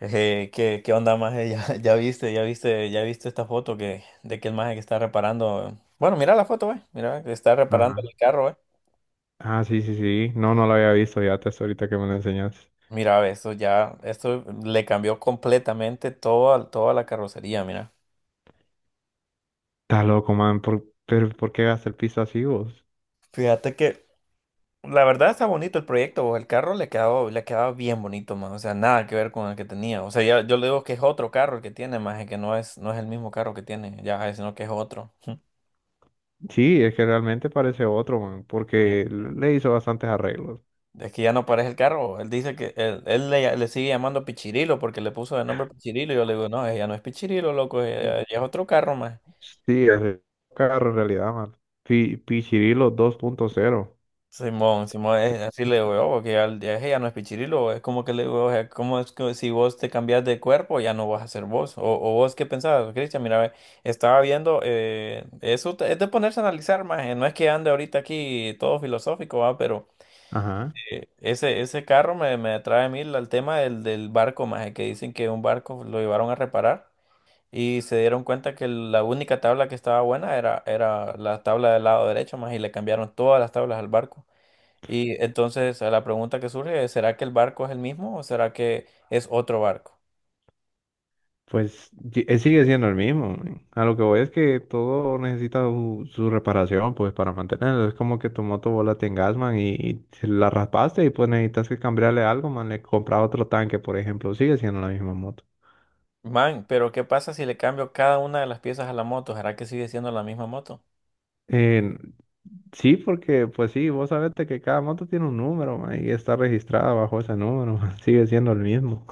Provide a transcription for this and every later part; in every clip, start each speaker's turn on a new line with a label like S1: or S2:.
S1: ¿Qué onda, maje? Ya viste esta foto de que el maje que está reparando. Bueno, mira la foto, ve. Mira, que está reparando
S2: Ajá.
S1: el carro, ve.
S2: Ah, sí, sí, sí. No, no lo había visto ya hasta ahorita que me lo enseñaste.
S1: Mira, ve, esto le cambió completamente toda la carrocería, mira.
S2: Está loco, man. Pero ¿por qué gasta el piso así vos?
S1: Fíjate que la verdad está bonito el proyecto, vos. El carro le quedó, le quedaba bien bonito, más. O sea, nada que ver con el que tenía. O sea, ya, yo le digo que es otro carro el que tiene, maje, que no es, no es el mismo carro que tiene, ya, sino que es otro.
S2: Sí, es que realmente parece otro, man, porque le hizo bastantes arreglos.
S1: Es que ya no parece el carro. Él dice que le sigue llamando Pichirilo porque le puso de nombre Pichirilo. Y yo le digo, no, ella no es Pichirilo, loco,
S2: Mm.
S1: ella es otro carro más.
S2: Sí, es el carro en realidad, man. Pichirilo dos punto cero.
S1: Simón, Simón, así le digo, "Oh, ya, ella no es Pichirilo". Es como que le digo, o sea, ¿cómo es que si vos te cambias de cuerpo ya no vas a ser vos? O vos qué pensabas, Cristian, mira, ve, estaba viendo, es de ponerse a analizar más. No es que ande ahorita aquí todo filosófico, va, pero.
S2: Ajá.
S1: Ese carro me atrae a mí el tema del barco, más, que dicen que un barco lo llevaron a reparar y se dieron cuenta que la única tabla que estaba buena era la tabla del lado derecho, más, y le cambiaron todas las tablas al barco. Y entonces a la pregunta que surge es, ¿será que el barco es el mismo o será que es otro barco?
S2: Pues sigue siendo el mismo, men. A lo que voy es que todo necesita su reparación, pues para mantenerlo. Es como que tu moto vos la tengas, man, y se la raspaste y pues necesitas que cambiarle algo, man. Le compras otro tanque, por ejemplo. Sigue siendo la misma moto.
S1: Man, pero ¿qué pasa si le cambio cada una de las piezas a la moto? ¿Será que sigue siendo la misma moto?
S2: Eh, sí, porque pues sí, vos sabés de que cada moto tiene un número, man, y está registrada bajo ese número, man. Sigue siendo el mismo.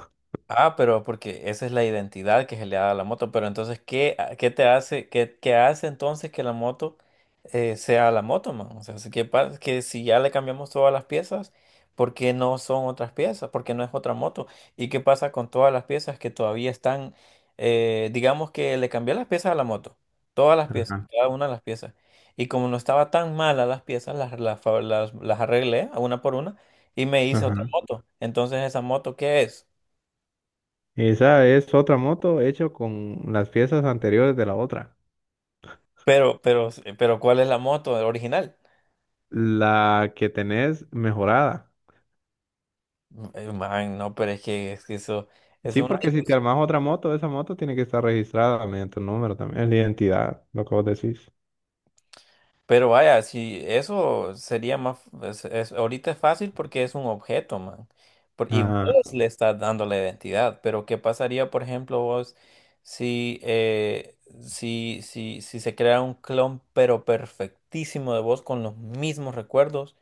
S1: Ah, pero porque esa es la identidad que se le da a la moto. Pero entonces, ¿qué te hace, qué hace entonces que la moto sea la moto, man? O sea, que si ya le cambiamos todas las piezas, ¿por qué no son otras piezas? ¿Por qué no es otra moto? ¿Y qué pasa con todas las piezas que todavía están, digamos que le cambié las piezas a la moto, todas las piezas,
S2: Ajá,
S1: cada una de las piezas. Y como no estaba tan mala las piezas, las, fa- las arreglé a una por una y me hice otra
S2: ajá.
S1: moto. Entonces, ¿esa moto qué es?
S2: Esa es otra moto hecha con las piezas anteriores de la otra.
S1: Pero, pero, pero, ¿cuál es la moto el original?
S2: La que tenés mejorada.
S1: Man, no, es que eso es
S2: Sí,
S1: una.
S2: porque si te armas otra moto, esa moto tiene que estar registrada mediante un número también, es la identidad, lo que vos decís.
S1: Pero vaya, si eso sería más. Es- ahorita es fácil porque es un objeto, man. Y vos
S2: Ajá.
S1: le estás dando la identidad. Pero, ¿qué pasaría, por ejemplo, vos si, si se crea un clon, pero perfectísimo de vos con los mismos recuerdos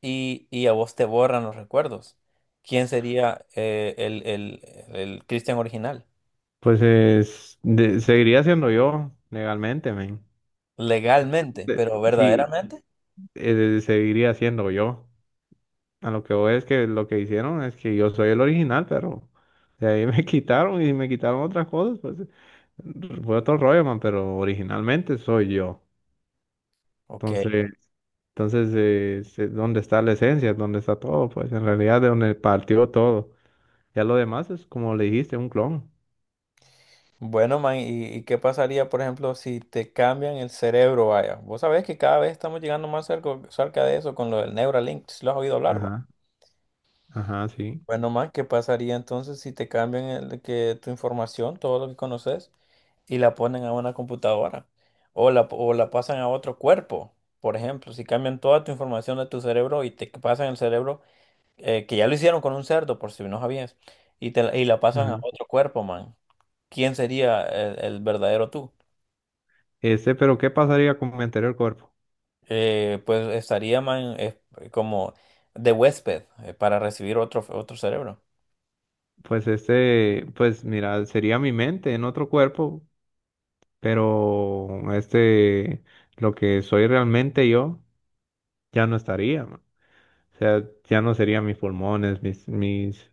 S1: y, a vos te borran los recuerdos? ¿Quién sería el Cristian original?
S2: Pues seguiría siendo yo legalmente, men.
S1: Legalmente,
S2: De-
S1: pero
S2: Sí,
S1: verdaderamente.
S2: seguiría siendo yo. A lo que voy es que lo que hicieron es que yo soy el original, pero de ahí me quitaron y si me quitaron otras cosas, pues fue otro rollo, man, pero originalmente soy yo.
S1: Ok.
S2: Entonces, ¿dónde está la esencia? ¿Dónde está todo? Pues en realidad de donde partió todo. Ya lo demás es como le dijiste, un clon.
S1: Bueno, man, y qué pasaría, por ejemplo, si te cambian el cerebro, vaya? Vos sabés que cada vez estamos llegando más cerca de eso con lo del Neuralink, si lo has oído hablar, va.
S2: Ajá, ajá, sí.
S1: Bueno, man, ¿qué pasaría entonces si te cambian tu información, todo lo que conoces, y la ponen a una computadora? O la pasan a otro cuerpo, por ejemplo, si cambian toda tu información de tu cerebro y te pasan el cerebro que ya lo hicieron con un cerdo, por si no sabías, y, y la pasan a
S2: Ajá.
S1: otro cuerpo, man. ¿Quién sería el verdadero tú?
S2: Pero ¿qué pasaría con mi anterior cuerpo?
S1: Pues estaría, man, como de huésped para recibir otro cerebro.
S2: Pues pues mira, sería mi mente en otro cuerpo, pero lo que soy realmente yo, ya no estaría, man. O sea, ya no serían mis pulmones,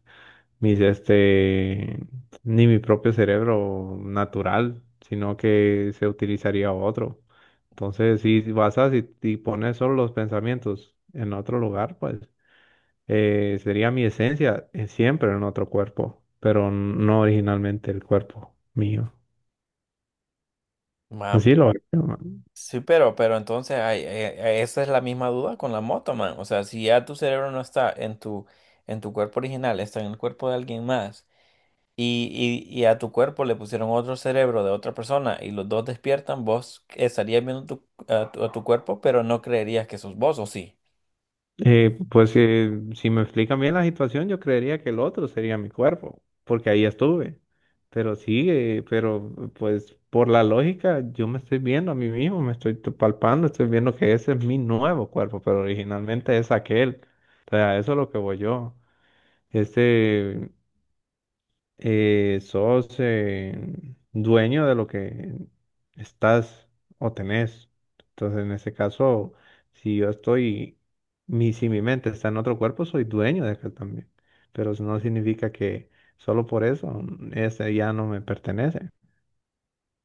S2: mis, este, ni mi propio cerebro natural, sino que se utilizaría otro. Entonces, si basas y pones solo los pensamientos en otro lugar, pues sería mi esencia, siempre en otro cuerpo, pero no originalmente el cuerpo mío.
S1: Man,
S2: Así
S1: pe-
S2: lo veo.
S1: sí, pero entonces esa es la misma duda con la moto, man. O sea, si ya tu cerebro no está en en tu cuerpo original, está en el cuerpo de alguien más y a tu cuerpo le pusieron otro cerebro de otra persona y los dos despiertan, vos estarías viendo a tu cuerpo, pero no creerías que sos vos, ¿o sí?
S2: Pues, si me explican bien la situación, yo creería que el otro sería mi cuerpo, porque ahí estuve. Pero sí, pero pues por la lógica, yo me estoy viendo a mí mismo, me estoy palpando, estoy viendo que ese es mi nuevo cuerpo, pero originalmente es aquel. O sea, a eso es lo que voy yo. Este, Sos, dueño de lo que estás o tenés. Entonces, en ese caso, si yo estoy, si mi mente está en otro cuerpo, soy dueño de aquel también. Pero eso no significa que solo por eso, ese ya no me pertenece.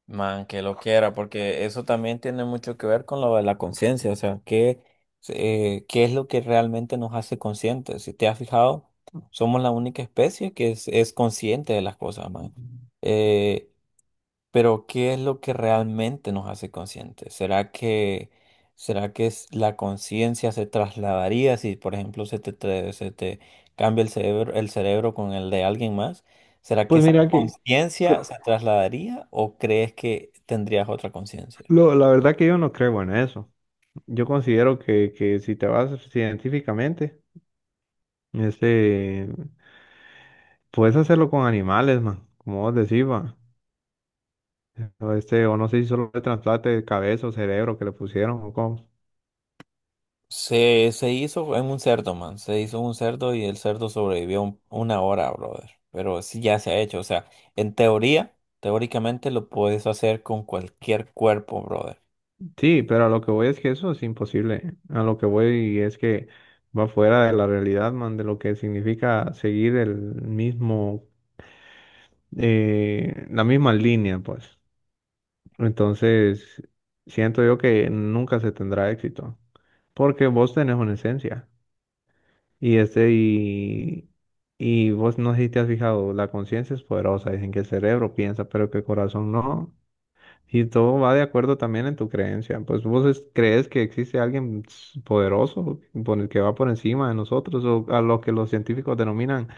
S1: Man, que lo quiera, porque eso también tiene mucho que ver con lo de la conciencia, o sea, ¿qué, qué es lo que realmente nos hace conscientes? Si te has fijado, somos la única especie es consciente de las cosas, man. Eh, Pero ¿qué es lo que realmente nos hace conscientes? Será que la conciencia se trasladaría si, por ejemplo, se te cambia el cerebro con el de alguien más? ¿Será que
S2: Pues
S1: esa
S2: mira
S1: conciencia
S2: Lo,
S1: se trasladaría o crees que tendrías otra conciencia?
S2: la verdad que yo no creo en eso. Yo considero que si te vas científicamente, Este, puedes hacerlo con animales, man, como vos decís, va. O no sé si solo el trasplante de cabeza o cerebro que le pusieron o cómo.
S1: Se hizo en un cerdo, man. Se hizo un cerdo y el cerdo sobrevivió una hora, brother. Pero sí ya se ha hecho. O sea, en teoría, teóricamente lo puedes hacer con cualquier cuerpo, brother.
S2: Sí, pero a lo que voy es que eso es imposible. A lo que voy es que va fuera de la realidad, man, de lo que significa seguir mismo, la misma línea, pues. Entonces, siento yo que nunca se tendrá éxito, porque vos tenés una esencia. Y este, y, y vos no sé si te has fijado, la conciencia es poderosa, dicen que el cerebro piensa, pero que el corazón no. Y todo va de acuerdo también en tu creencia. Pues vos crees que existe alguien poderoso por el que va por encima de nosotros, o a lo que los científicos denominan,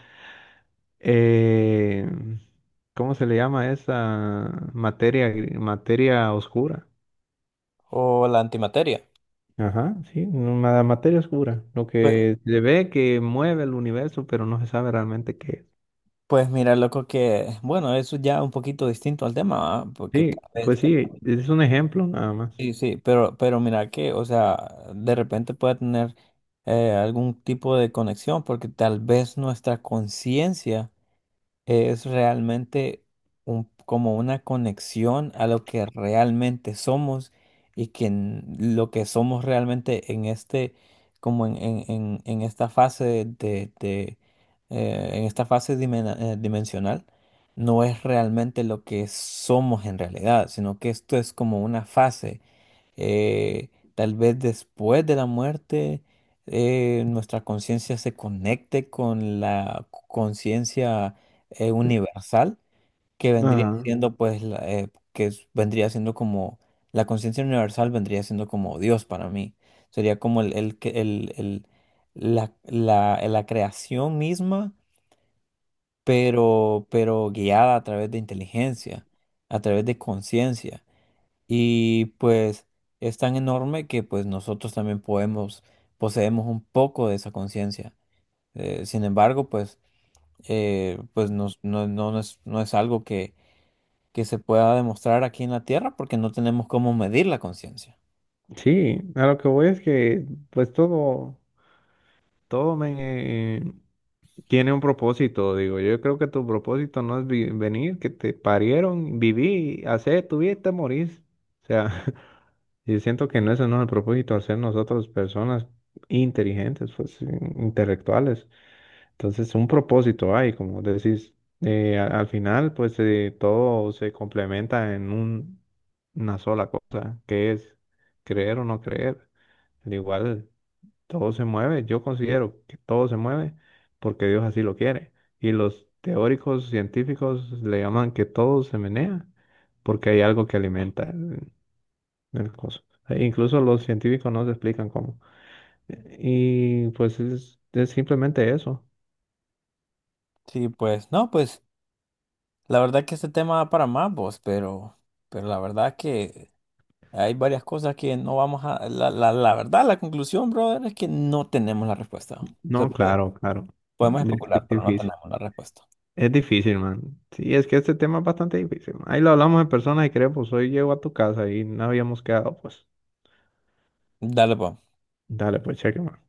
S2: eh, ¿cómo se le llama esa materia, materia oscura?
S1: O la antimateria.
S2: Ajá, sí, una materia oscura, lo
S1: Pues,
S2: que se ve que mueve el universo, pero no se sabe realmente qué es.
S1: pues mira, loco, que bueno, eso ya un poquito distinto al tema, ¿va? Porque
S2: Sí,
S1: tal vez,
S2: pues sí, es un ejemplo nada más.
S1: sí, sí, pero mira que, o sea, de repente puede tener algún tipo de conexión, porque tal vez nuestra conciencia es realmente como una conexión a lo que realmente somos y que lo que somos realmente en este, como en esta fase en esta fase dimensional, no es realmente lo que somos en realidad, sino que esto es como una fase, eh, tal vez después de la muerte, nuestra conciencia se conecte con la conciencia universal, que vendría
S2: Ah,
S1: siendo pues, vendría siendo como, la conciencia universal vendría siendo como Dios para mí. Sería como el, que- el- la creación misma, pero guiada a través de inteligencia, a través de conciencia. Y pues es tan enorme que pues nosotros también poseemos un poco de esa conciencia. Sin embargo, pues, no, no es algo que se pueda demostrar aquí en la Tierra porque no tenemos cómo medir la conciencia.
S2: sí, a lo que voy es que pues todo, todo me tiene un propósito, digo. Yo creo que tu propósito no es venir, que te parieron, viví, hacer tu vida y te morís. O sea, yo siento que no, ese no es el propósito, hacer nosotros personas inteligentes, pues intelectuales. Entonces, un propósito hay, como decís, al final, pues todo se complementa en una sola cosa, que es creer o no creer. Al igual, todo se mueve, yo considero que todo se mueve porque Dios así lo quiere. Y los teóricos científicos le llaman que todo se menea porque hay algo que alimenta el coso. E incluso los científicos no se explican cómo. Y pues es simplemente eso.
S1: Sí, pues, no, pues la verdad que este tema da para más, vos, pero la verdad que hay varias cosas que no vamos a... La verdad, la conclusión, brother, es que no tenemos la respuesta. O sea,
S2: No, claro, claro.
S1: podemos
S2: Es que
S1: especular,
S2: es
S1: pero no
S2: difícil.
S1: tenemos la respuesta.
S2: Es difícil, man. Sí, es que este tema es bastante difícil, man. Ahí lo hablamos en persona y creo, pues hoy llego a tu casa y no habíamos quedado, pues.
S1: Dale, pues.
S2: Dale, pues cheque, man.